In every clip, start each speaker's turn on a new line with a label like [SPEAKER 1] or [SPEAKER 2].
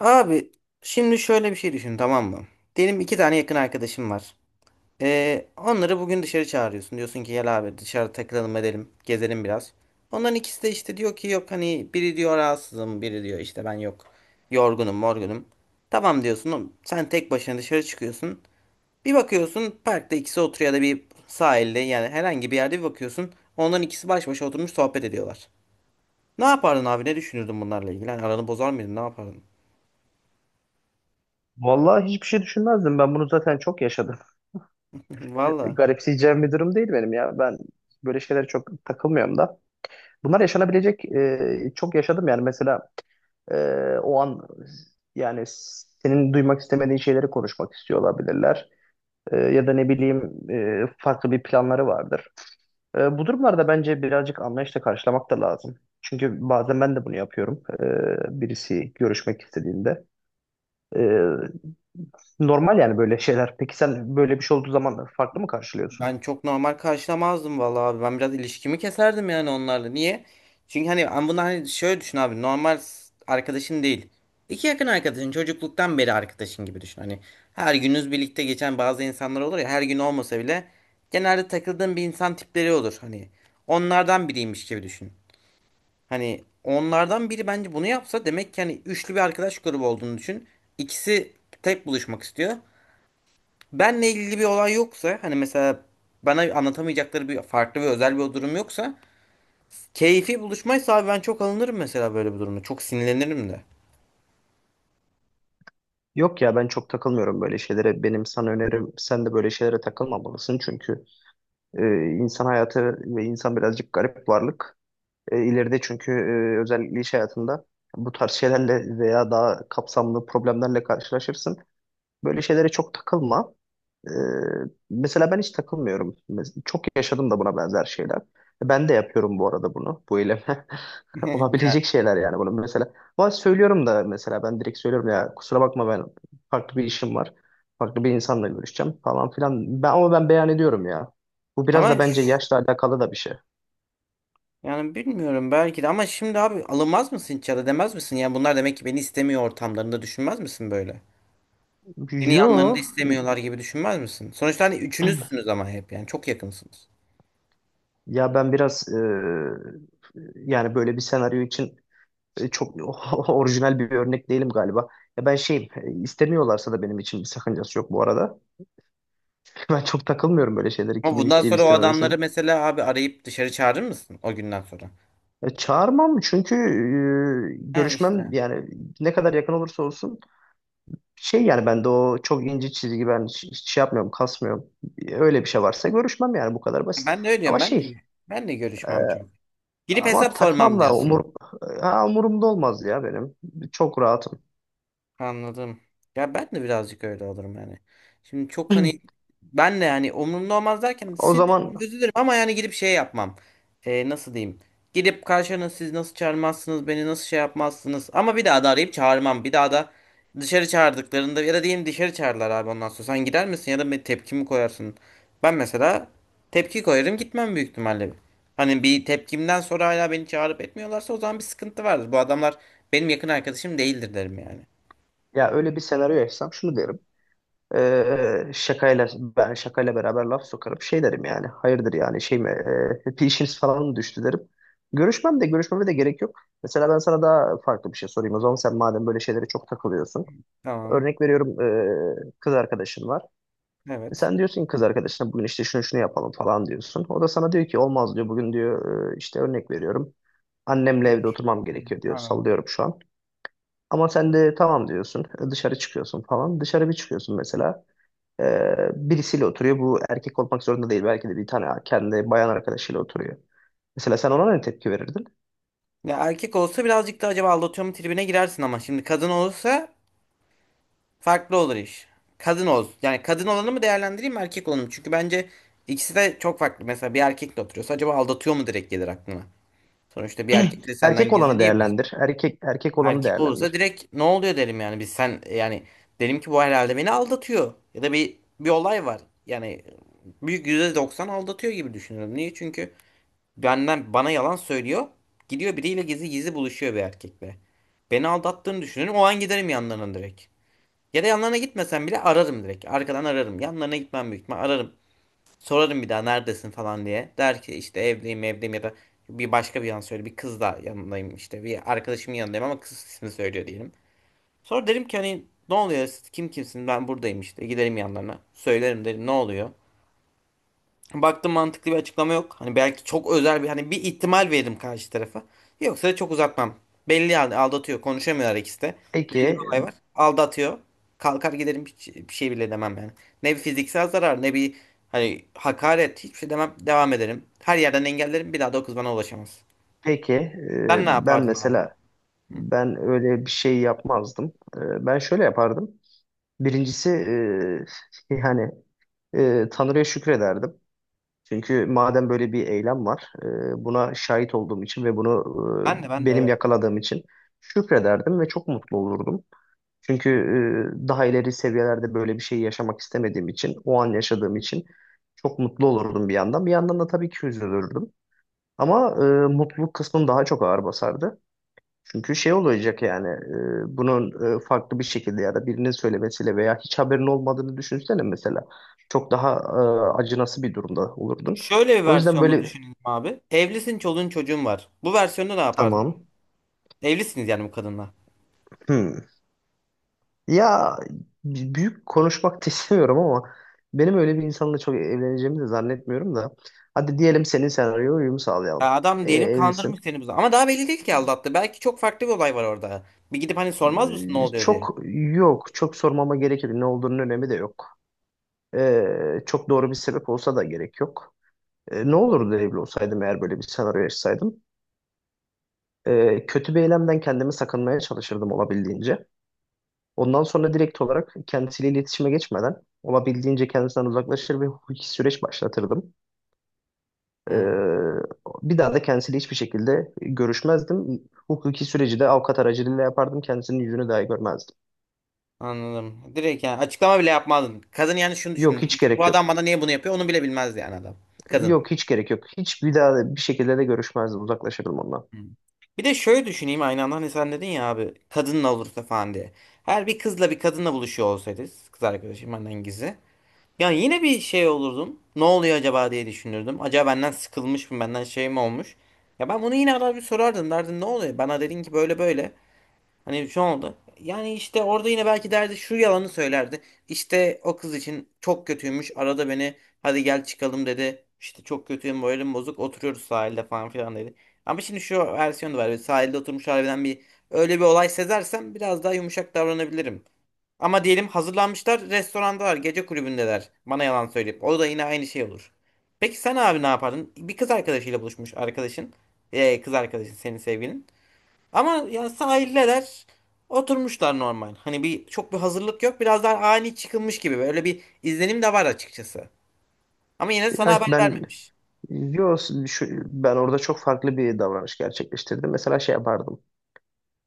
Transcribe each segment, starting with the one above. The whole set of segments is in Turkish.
[SPEAKER 1] Abi şimdi şöyle bir şey düşün tamam mı? Diyelim iki tane yakın arkadaşım var. Onları bugün dışarı çağırıyorsun. Diyorsun ki gel abi dışarı takılalım edelim. Gezelim biraz. Onların ikisi de işte diyor ki yok hani biri diyor rahatsızım biri diyor işte ben yok. Yorgunum morgunum. Tamam diyorsun oğlum, sen tek başına dışarı çıkıyorsun. Bir bakıyorsun parkta ikisi oturuyor ya da bir sahilde yani herhangi bir yerde bir bakıyorsun. Onların ikisi baş başa oturmuş sohbet ediyorlar. Ne yapardın abi ne düşünürdün bunlarla ilgili? Hani aranı bozar mıydın ne yapardın?
[SPEAKER 2] Vallahi hiçbir şey düşünmezdim. Ben bunu zaten çok yaşadım.
[SPEAKER 1] Valla.
[SPEAKER 2] Garipseyeceğim bir durum değil benim ya. Ben böyle şeylere çok takılmıyorum da. Bunlar yaşanabilecek çok yaşadım yani. Mesela e, o an yani senin duymak istemediğin şeyleri konuşmak istiyor olabilirler. Ya da ne bileyim farklı bir planları vardır. Bu durumlarda bence birazcık anlayışla karşılamak da lazım. Çünkü bazen ben de bunu yapıyorum. Birisi görüşmek istediğinde. Ee, Normal yani böyle şeyler. Peki sen böyle bir şey olduğu zaman farklı mı karşılıyorsun?
[SPEAKER 1] Ben çok normal karşılamazdım vallahi abi. Ben biraz ilişkimi keserdim yani onlarla. Niye? Çünkü hani ben bunu hani şöyle düşün abi. Arkadaşın değil. İki yakın arkadaşın, çocukluktan beri arkadaşın gibi düşün. Hani her gününüz birlikte geçen bazı insanlar olur ya her gün olmasa bile genelde takıldığın bir insan tipleri olur. Hani onlardan biriymiş gibi düşün. Hani onlardan biri bence bunu yapsa demek ki hani üçlü bir arkadaş grubu olduğunu düşün. İkisi tek buluşmak istiyor. Benle ilgili bir olay yoksa hani mesela bana anlatamayacakları bir farklı ve özel bir durum yoksa keyfi buluşmaysa abi ben çok alınırım mesela böyle bir durumda. Çok sinirlenirim de.
[SPEAKER 2] Yok ya ben çok takılmıyorum böyle şeylere. Benim sana önerim sen de böyle şeylere takılmamalısın. Çünkü e, insan hayatı ve insan birazcık garip varlık. İleride çünkü özellikle iş hayatında bu tarz şeylerle veya daha kapsamlı problemlerle karşılaşırsın. Böyle şeylere çok takılma. Ee, Mesela ben hiç takılmıyorum. Çok yaşadım da buna benzer şeyler. Ben de yapıyorum bu arada bunu. Bu eylemi.
[SPEAKER 1] Ya,
[SPEAKER 2] Olabilecek şeyler yani bunu mesela. Ama söylüyorum da mesela ben direkt söylüyorum ya kusura bakma ben farklı bir işim var. Farklı bir insanla görüşeceğim falan filan. Ama ben beyan ediyorum ya. Bu biraz da
[SPEAKER 1] ama
[SPEAKER 2] bence
[SPEAKER 1] ş-
[SPEAKER 2] yaşla alakalı da bir şey.
[SPEAKER 1] yani bilmiyorum belki de ama şimdi abi alınmaz mısın hiç ya da demez misin? Yani bunlar demek ki beni istemiyor ortamlarında düşünmez misin böyle? Beni yanlarında
[SPEAKER 2] Yo
[SPEAKER 1] istemiyorlar gibi düşünmez misin? Sonuçta hani üçünüzsünüz ama hep yani çok yakınsınız.
[SPEAKER 2] ya ben biraz yani böyle bir senaryo için çok orijinal bir örnek değilim galiba. Ya ben şeyim, istemiyorlarsa da benim için bir sakıncası yok bu arada. Ben çok takılmıyorum böyle şeyleri
[SPEAKER 1] Ama
[SPEAKER 2] kimin
[SPEAKER 1] bundan
[SPEAKER 2] isteyip
[SPEAKER 1] sonra o
[SPEAKER 2] istememesinin.
[SPEAKER 1] adamları mesela abi arayıp dışarı çağırır mısın o günden sonra?
[SPEAKER 2] Çağırmam çünkü
[SPEAKER 1] He
[SPEAKER 2] görüşmem
[SPEAKER 1] işte.
[SPEAKER 2] yani ne kadar yakın olursa olsun şey yani ben de o çok ince çizgi ben hiç şey yapmıyorum, kasmıyorum. Öyle bir şey varsa görüşmem yani bu kadar basit.
[SPEAKER 1] Ben de öyle
[SPEAKER 2] Ama
[SPEAKER 1] diyorum. Ben
[SPEAKER 2] şey
[SPEAKER 1] de, ben de
[SPEAKER 2] e,
[SPEAKER 1] görüşmem çok. Gidip
[SPEAKER 2] ama
[SPEAKER 1] hesap sormam
[SPEAKER 2] takmam da
[SPEAKER 1] diyorsun.
[SPEAKER 2] umurumda olmaz ya benim. Çok rahatım.
[SPEAKER 1] Anladım. Ya ben de birazcık öyle olurum yani. Şimdi çok hani ben de yani umurumda olmaz derken
[SPEAKER 2] O zaman
[SPEAKER 1] sinirlenirim, üzülürüm ama yani gidip şey yapmam. Nasıl diyeyim? Gidip karşına siz nasıl çağırmazsınız, beni nasıl şey yapmazsınız. Ama bir daha da arayıp çağırmam. Bir daha da dışarı çağırdıklarında ya da diyelim dışarı çağırdılar abi ondan sonra. Sen gider misin ya da bir tepki mi koyarsın? Ben mesela tepki koyarım gitmem büyük ihtimalle. Hani bir tepkimden sonra hala beni çağırıp etmiyorlarsa o zaman bir sıkıntı vardır. Bu adamlar benim yakın arkadaşım değildir derim yani.
[SPEAKER 2] ya öyle bir senaryo yaşasam şunu derim. Ee, şakayla şakayla beraber laf sokarım. Şey derim yani. Hayırdır yani şey mi? Bir işiniz falan mı düştü derim. Görüşmem de görüşmeme de gerek yok. Mesela ben sana daha farklı bir şey sorayım. O zaman sen madem böyle şeylere çok takılıyorsun.
[SPEAKER 1] Tamam.
[SPEAKER 2] Örnek veriyorum kız arkadaşın var. E
[SPEAKER 1] Evet.
[SPEAKER 2] sen diyorsun ki kız arkadaşına bugün işte şunu şunu yapalım falan diyorsun. O da sana diyor ki olmaz diyor. Bugün diyor işte örnek veriyorum. Annemle evde
[SPEAKER 1] Yapıyordur.
[SPEAKER 2] oturmam
[SPEAKER 1] Hı.
[SPEAKER 2] gerekiyor diyor.
[SPEAKER 1] Anladım.
[SPEAKER 2] Sallıyorum şu an. Ama sen de tamam diyorsun. Dışarı çıkıyorsun falan. Dışarı bir çıkıyorsun mesela. Birisiyle oturuyor. Bu erkek olmak zorunda değil. Belki de bir tane kendi bayan arkadaşıyla oturuyor. Mesela sen ona ne tepki verirdin?
[SPEAKER 1] Ya erkek olsa birazcık da acaba aldatıyor mu tribine girersin ama şimdi kadın olursa farklı olur iş. Kadın ol. Yani kadın olanı mı değerlendireyim mi erkek olanı mı? Çünkü bence ikisi de çok farklı. Mesela bir erkekle oturuyorsa acaba aldatıyor mu direkt gelir aklına. Sonuçta bir erkek de senden
[SPEAKER 2] Erkek
[SPEAKER 1] gizli
[SPEAKER 2] olanı
[SPEAKER 1] niye bu?
[SPEAKER 2] değerlendir. Erkek olanı
[SPEAKER 1] Erkek olursa
[SPEAKER 2] değerlendir.
[SPEAKER 1] direkt ne oluyor derim yani. Biz sen yani derim ki bu herhalde beni aldatıyor. Ya da bir olay var. Yani büyük %90 aldatıyor gibi düşünüyorum. Niye? Çünkü benden bana yalan söylüyor. Gidiyor biriyle gizli gizli buluşuyor bir erkekle. Beni aldattığını düşünüyorum. O an giderim yanlarına direkt. Ya da yanlarına gitmesem bile ararım direkt. Arkadan ararım. Yanlarına gitmem büyük ihtimal ararım. Sorarım bir daha neredesin falan diye. Der ki işte evdeyim evdeyim ya da bir başka bir yan söyle. Bir kız da yanındayım işte. Bir arkadaşımın yanındayım ama kız ismini söylüyor diyelim. Sonra derim ki hani ne oluyor siz kim kimsin ben buradayım işte. Giderim yanlarına. Söylerim derim ne oluyor. Baktım mantıklı bir açıklama yok. Hani belki çok özel bir hani bir ihtimal veririm karşı tarafa. Yoksa da çok uzatmam. Belli yani aldatıyor. Konuşamıyorlar ikisi de. Belli bir
[SPEAKER 2] Peki,
[SPEAKER 1] olay var. Aldatıyor. Kalkar giderim hiç bir şey bile demem yani. Ne bir fiziksel zarar ne bir hani hakaret hiçbir şey demem. Devam ederim. Her yerden engellerim. Bir daha da o kız bana ulaşamaz.
[SPEAKER 2] peki
[SPEAKER 1] Sen ne
[SPEAKER 2] ben
[SPEAKER 1] yapardın abi?
[SPEAKER 2] mesela ben öyle bir şey yapmazdım. Ben şöyle yapardım. Birincisi yani Tanrı'ya şükrederdim. Çünkü madem böyle bir eylem var, buna şahit olduğum için ve bunu
[SPEAKER 1] Ben de ben de
[SPEAKER 2] benim
[SPEAKER 1] evet.
[SPEAKER 2] yakaladığım için şükrederdim ve çok mutlu olurdum. Çünkü daha ileri seviyelerde böyle bir şey yaşamak istemediğim için, o an yaşadığım için çok mutlu olurdum bir yandan. Bir yandan da tabii ki üzülürdüm. Ama mutluluk kısmım daha çok ağır basardı. Çünkü şey olacak yani bunun farklı bir şekilde ya da birinin söylemesiyle veya hiç haberin olmadığını düşünsene mesela. Çok daha acınası bir durumda olurdun.
[SPEAKER 1] Şöyle bir
[SPEAKER 2] O yüzden
[SPEAKER 1] versiyonunu
[SPEAKER 2] böyle
[SPEAKER 1] düşünelim abi. Evlisin, çoluğun çocuğun var. Bu versiyonda ne yapardın?
[SPEAKER 2] tamam.
[SPEAKER 1] Evlisiniz yani bu kadınla.
[SPEAKER 2] Hmm. Ya büyük konuşmak da istemiyorum ama benim öyle bir insanla çok evleneceğimi de zannetmiyorum da. Hadi diyelim senin senaryoya uyum sağlayalım.
[SPEAKER 1] Ya adam diyelim
[SPEAKER 2] Evlisin.
[SPEAKER 1] kandırmış seni bu zaman. Ama daha belli değil ki aldattı. Belki çok farklı bir olay var orada. Bir gidip hani sormaz mısın ne oluyor diye.
[SPEAKER 2] Çok yok. Çok sormama gerek yok. Ne olduğunun önemi de yok. Çok doğru bir sebep olsa da gerek yok. Ne olurdu evli olsaydım eğer böyle bir senaryo yaşasaydım? Kötü bir eylemden kendimi sakınmaya çalışırdım olabildiğince. Ondan sonra direkt olarak kendisiyle iletişime geçmeden olabildiğince kendisinden uzaklaşır ve hukuki süreç başlatırdım.
[SPEAKER 1] Hı,
[SPEAKER 2] Ee, Bir daha da kendisiyle hiçbir şekilde görüşmezdim. Hukuki süreci de avukat aracılığıyla yapardım. Kendisinin yüzünü dahi görmezdim.
[SPEAKER 1] anladım. Direkt yani açıklama bile yapmazdın. Kadın yani şunu
[SPEAKER 2] Yok
[SPEAKER 1] düşünür.
[SPEAKER 2] hiç
[SPEAKER 1] Bu
[SPEAKER 2] gerek
[SPEAKER 1] adam
[SPEAKER 2] yok.
[SPEAKER 1] bana niye bunu yapıyor onu bile bilmez yani adam. Kadın.
[SPEAKER 2] Yok hiç gerek yok. Hiç bir daha da bir şekilde de görüşmezdim. Uzaklaşırdım ondan.
[SPEAKER 1] Hı. Bir de şöyle düşüneyim aynı anda hani sen dedin ya abi kadınla olursa falan diye. Her bir kızla bir kadınla buluşuyor olsaydı, kız arkadaşım benden gizli. Ya yine bir şey olurdum. Ne oluyor acaba diye düşünürdüm. Acaba benden sıkılmış mı? Benden şey mi olmuş? Ya ben bunu yine arar bir sorardım. Derdim ne oluyor? Bana dedin ki böyle böyle. Hani şu oldu. Yani işte orada yine belki derdi şu yalanı söylerdi. İşte o kız için çok kötüymüş. Arada beni hadi gel çıkalım dedi. İşte çok kötüyüm moralim bozuk. Oturuyoruz sahilde falan filan dedi. Ama şimdi şu versiyonu var. Sahilde oturmuş harbiden bir öyle bir olay sezersem biraz daha yumuşak davranabilirim. Ama diyelim hazırlanmışlar, restorandalar, gece kulübündeler. Bana yalan söyleyip. O da yine aynı şey olur. Peki sen abi ne yapardın? Bir kız arkadaşıyla buluşmuş arkadaşın. Kız arkadaşın senin sevgilin. Ama ya sahildeler. Oturmuşlar normal. Hani bir çok bir hazırlık yok. Biraz daha ani çıkılmış gibi. Böyle bir izlenim de var açıkçası. Ama yine sana
[SPEAKER 2] Ya
[SPEAKER 1] haber
[SPEAKER 2] ben
[SPEAKER 1] vermemiş.
[SPEAKER 2] yok ben orada çok farklı bir davranış gerçekleştirdim. Mesela şey yapardım.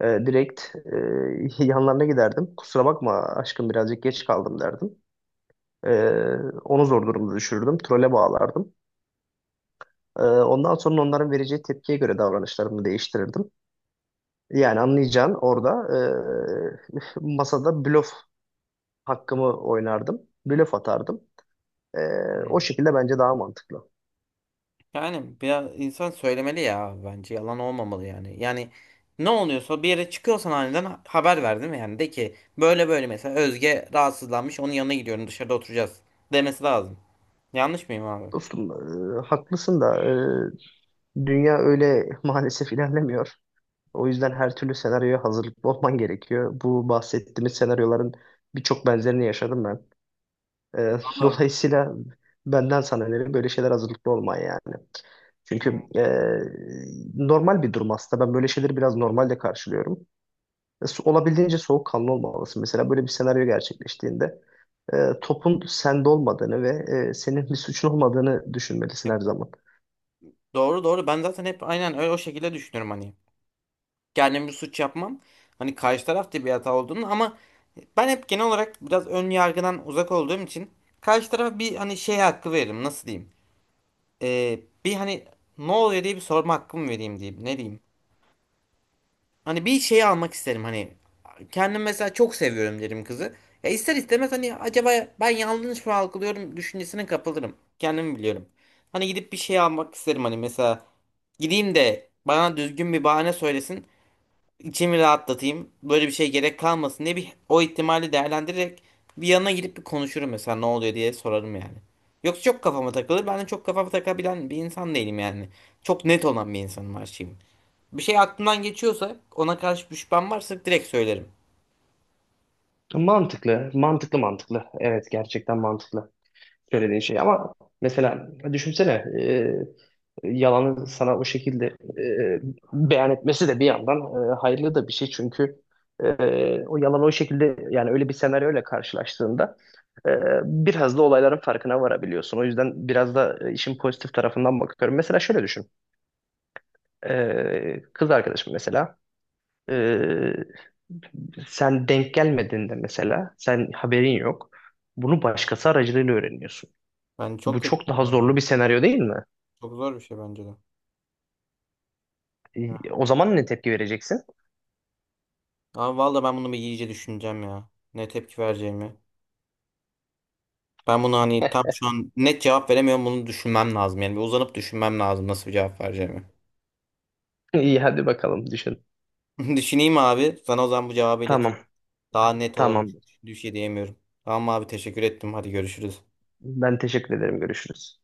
[SPEAKER 2] Ee, direkt yanlarına giderdim. Kusura bakma aşkım birazcık geç kaldım derdim. Ee, Onu zor durumda düşürürdüm. Trole bağlardım. Ondan sonra onların vereceği tepkiye göre davranışlarımı değiştirirdim. Yani anlayacağın orada masada blöf hakkımı oynardım. Blöf atardım. E, O
[SPEAKER 1] Hmm.
[SPEAKER 2] şekilde bence daha mantıklı.
[SPEAKER 1] Yani biraz insan söylemeli ya bence yalan olmamalı yani. Yani ne oluyorsa bir yere çıkıyorsan aniden haber ver değil mi? Yani de ki böyle böyle mesela Özge rahatsızlanmış onun yanına gidiyorum dışarıda oturacağız demesi lazım. Yanlış mıyım abi?
[SPEAKER 2] Dostum haklısın da dünya öyle maalesef ilerlemiyor. O yüzden her türlü senaryoya hazırlıklı olman gerekiyor. Bu bahsettiğimiz senaryoların birçok benzerini yaşadım ben.
[SPEAKER 1] Valla.
[SPEAKER 2] Dolayısıyla benden sana önerim böyle şeyler hazırlıklı olman yani. Çünkü normal bir durum aslında. Ben böyle şeyleri biraz normalde karşılıyorum. Olabildiğince soğukkanlı olmalısın. Mesela böyle bir senaryo gerçekleştiğinde topun sende olmadığını ve senin bir suçun olmadığını düşünmelisin her
[SPEAKER 1] Hep-
[SPEAKER 2] zaman.
[SPEAKER 1] doğru doğru ben zaten hep aynen öyle o şekilde düşünüyorum hani. Kendim bir suç yapmam. Hani karşı taraf da bir hata olduğunu ama ben hep genel olarak biraz ön yargıdan uzak olduğum için karşı tarafa bir hani şey hakkı veririm nasıl diyeyim. Bir hani ne oluyor diye bir sorma hakkımı vereyim diyeyim. Ne diyeyim? Hani bir şey almak isterim hani. Kendim mesela çok seviyorum derim kızı. Ya ister istemez hani acaba ben yanlış mı algılıyorum düşüncesine kapılırım. Kendimi biliyorum. Hani gidip bir şey almak isterim hani mesela gideyim de bana düzgün bir bahane söylesin. İçimi rahatlatayım. Böyle bir şey gerek kalmasın diye bir o ihtimali değerlendirerek bir yanına gidip bir konuşurum mesela ne oluyor diye sorarım yani. Yoksa çok kafama takılır. Ben de çok kafama takabilen bir insan değilim yani. Çok net olan bir insanım her şeyim. Bir şey aklımdan geçiyorsa ona karşı bir şüphem varsa direkt söylerim.
[SPEAKER 2] Mantıklı, mantıklı, mantıklı. Evet, gerçekten mantıklı söylediğin şey. Ama mesela düşünsene e, yalanı sana o şekilde beyan etmesi de bir yandan hayırlı da bir şey. Çünkü e, o yalan o şekilde yani öyle bir senaryoyla karşılaştığında Ee, biraz da olayların farkına varabiliyorsun. O yüzden biraz da işin pozitif tarafından bakıyorum. Mesela şöyle düşün. Kız arkadaşım mesela. ee, Sen denk gelmediğinde mesela sen haberin yok. Bunu başkası aracılığıyla öğreniyorsun.
[SPEAKER 1] Ben
[SPEAKER 2] Bu
[SPEAKER 1] çok kötü.
[SPEAKER 2] çok daha
[SPEAKER 1] Ya bu.
[SPEAKER 2] zorlu bir senaryo değil mi?
[SPEAKER 1] Çok zor bir şey bence de. Ya.
[SPEAKER 2] O zaman ne tepki vereceksin?
[SPEAKER 1] Abi valla ben bunu bir iyice düşüneceğim ya. Ne tepki vereceğimi. Ben bunu hani tam şu an net cevap veremiyorum. Bunu düşünmem lazım. Yani bir uzanıp düşünmem lazım nasıl bir cevap vereceğimi.
[SPEAKER 2] İyi hadi bakalım düşün.
[SPEAKER 1] Düşüneyim abi. Sana o zaman bu cevabı
[SPEAKER 2] Tamam,
[SPEAKER 1] ileteyim. Daha net olalım.
[SPEAKER 2] tamam.
[SPEAKER 1] Düş diyemiyorum. Tamam abi teşekkür ettim. Hadi görüşürüz.
[SPEAKER 2] Ben teşekkür ederim. Görüşürüz.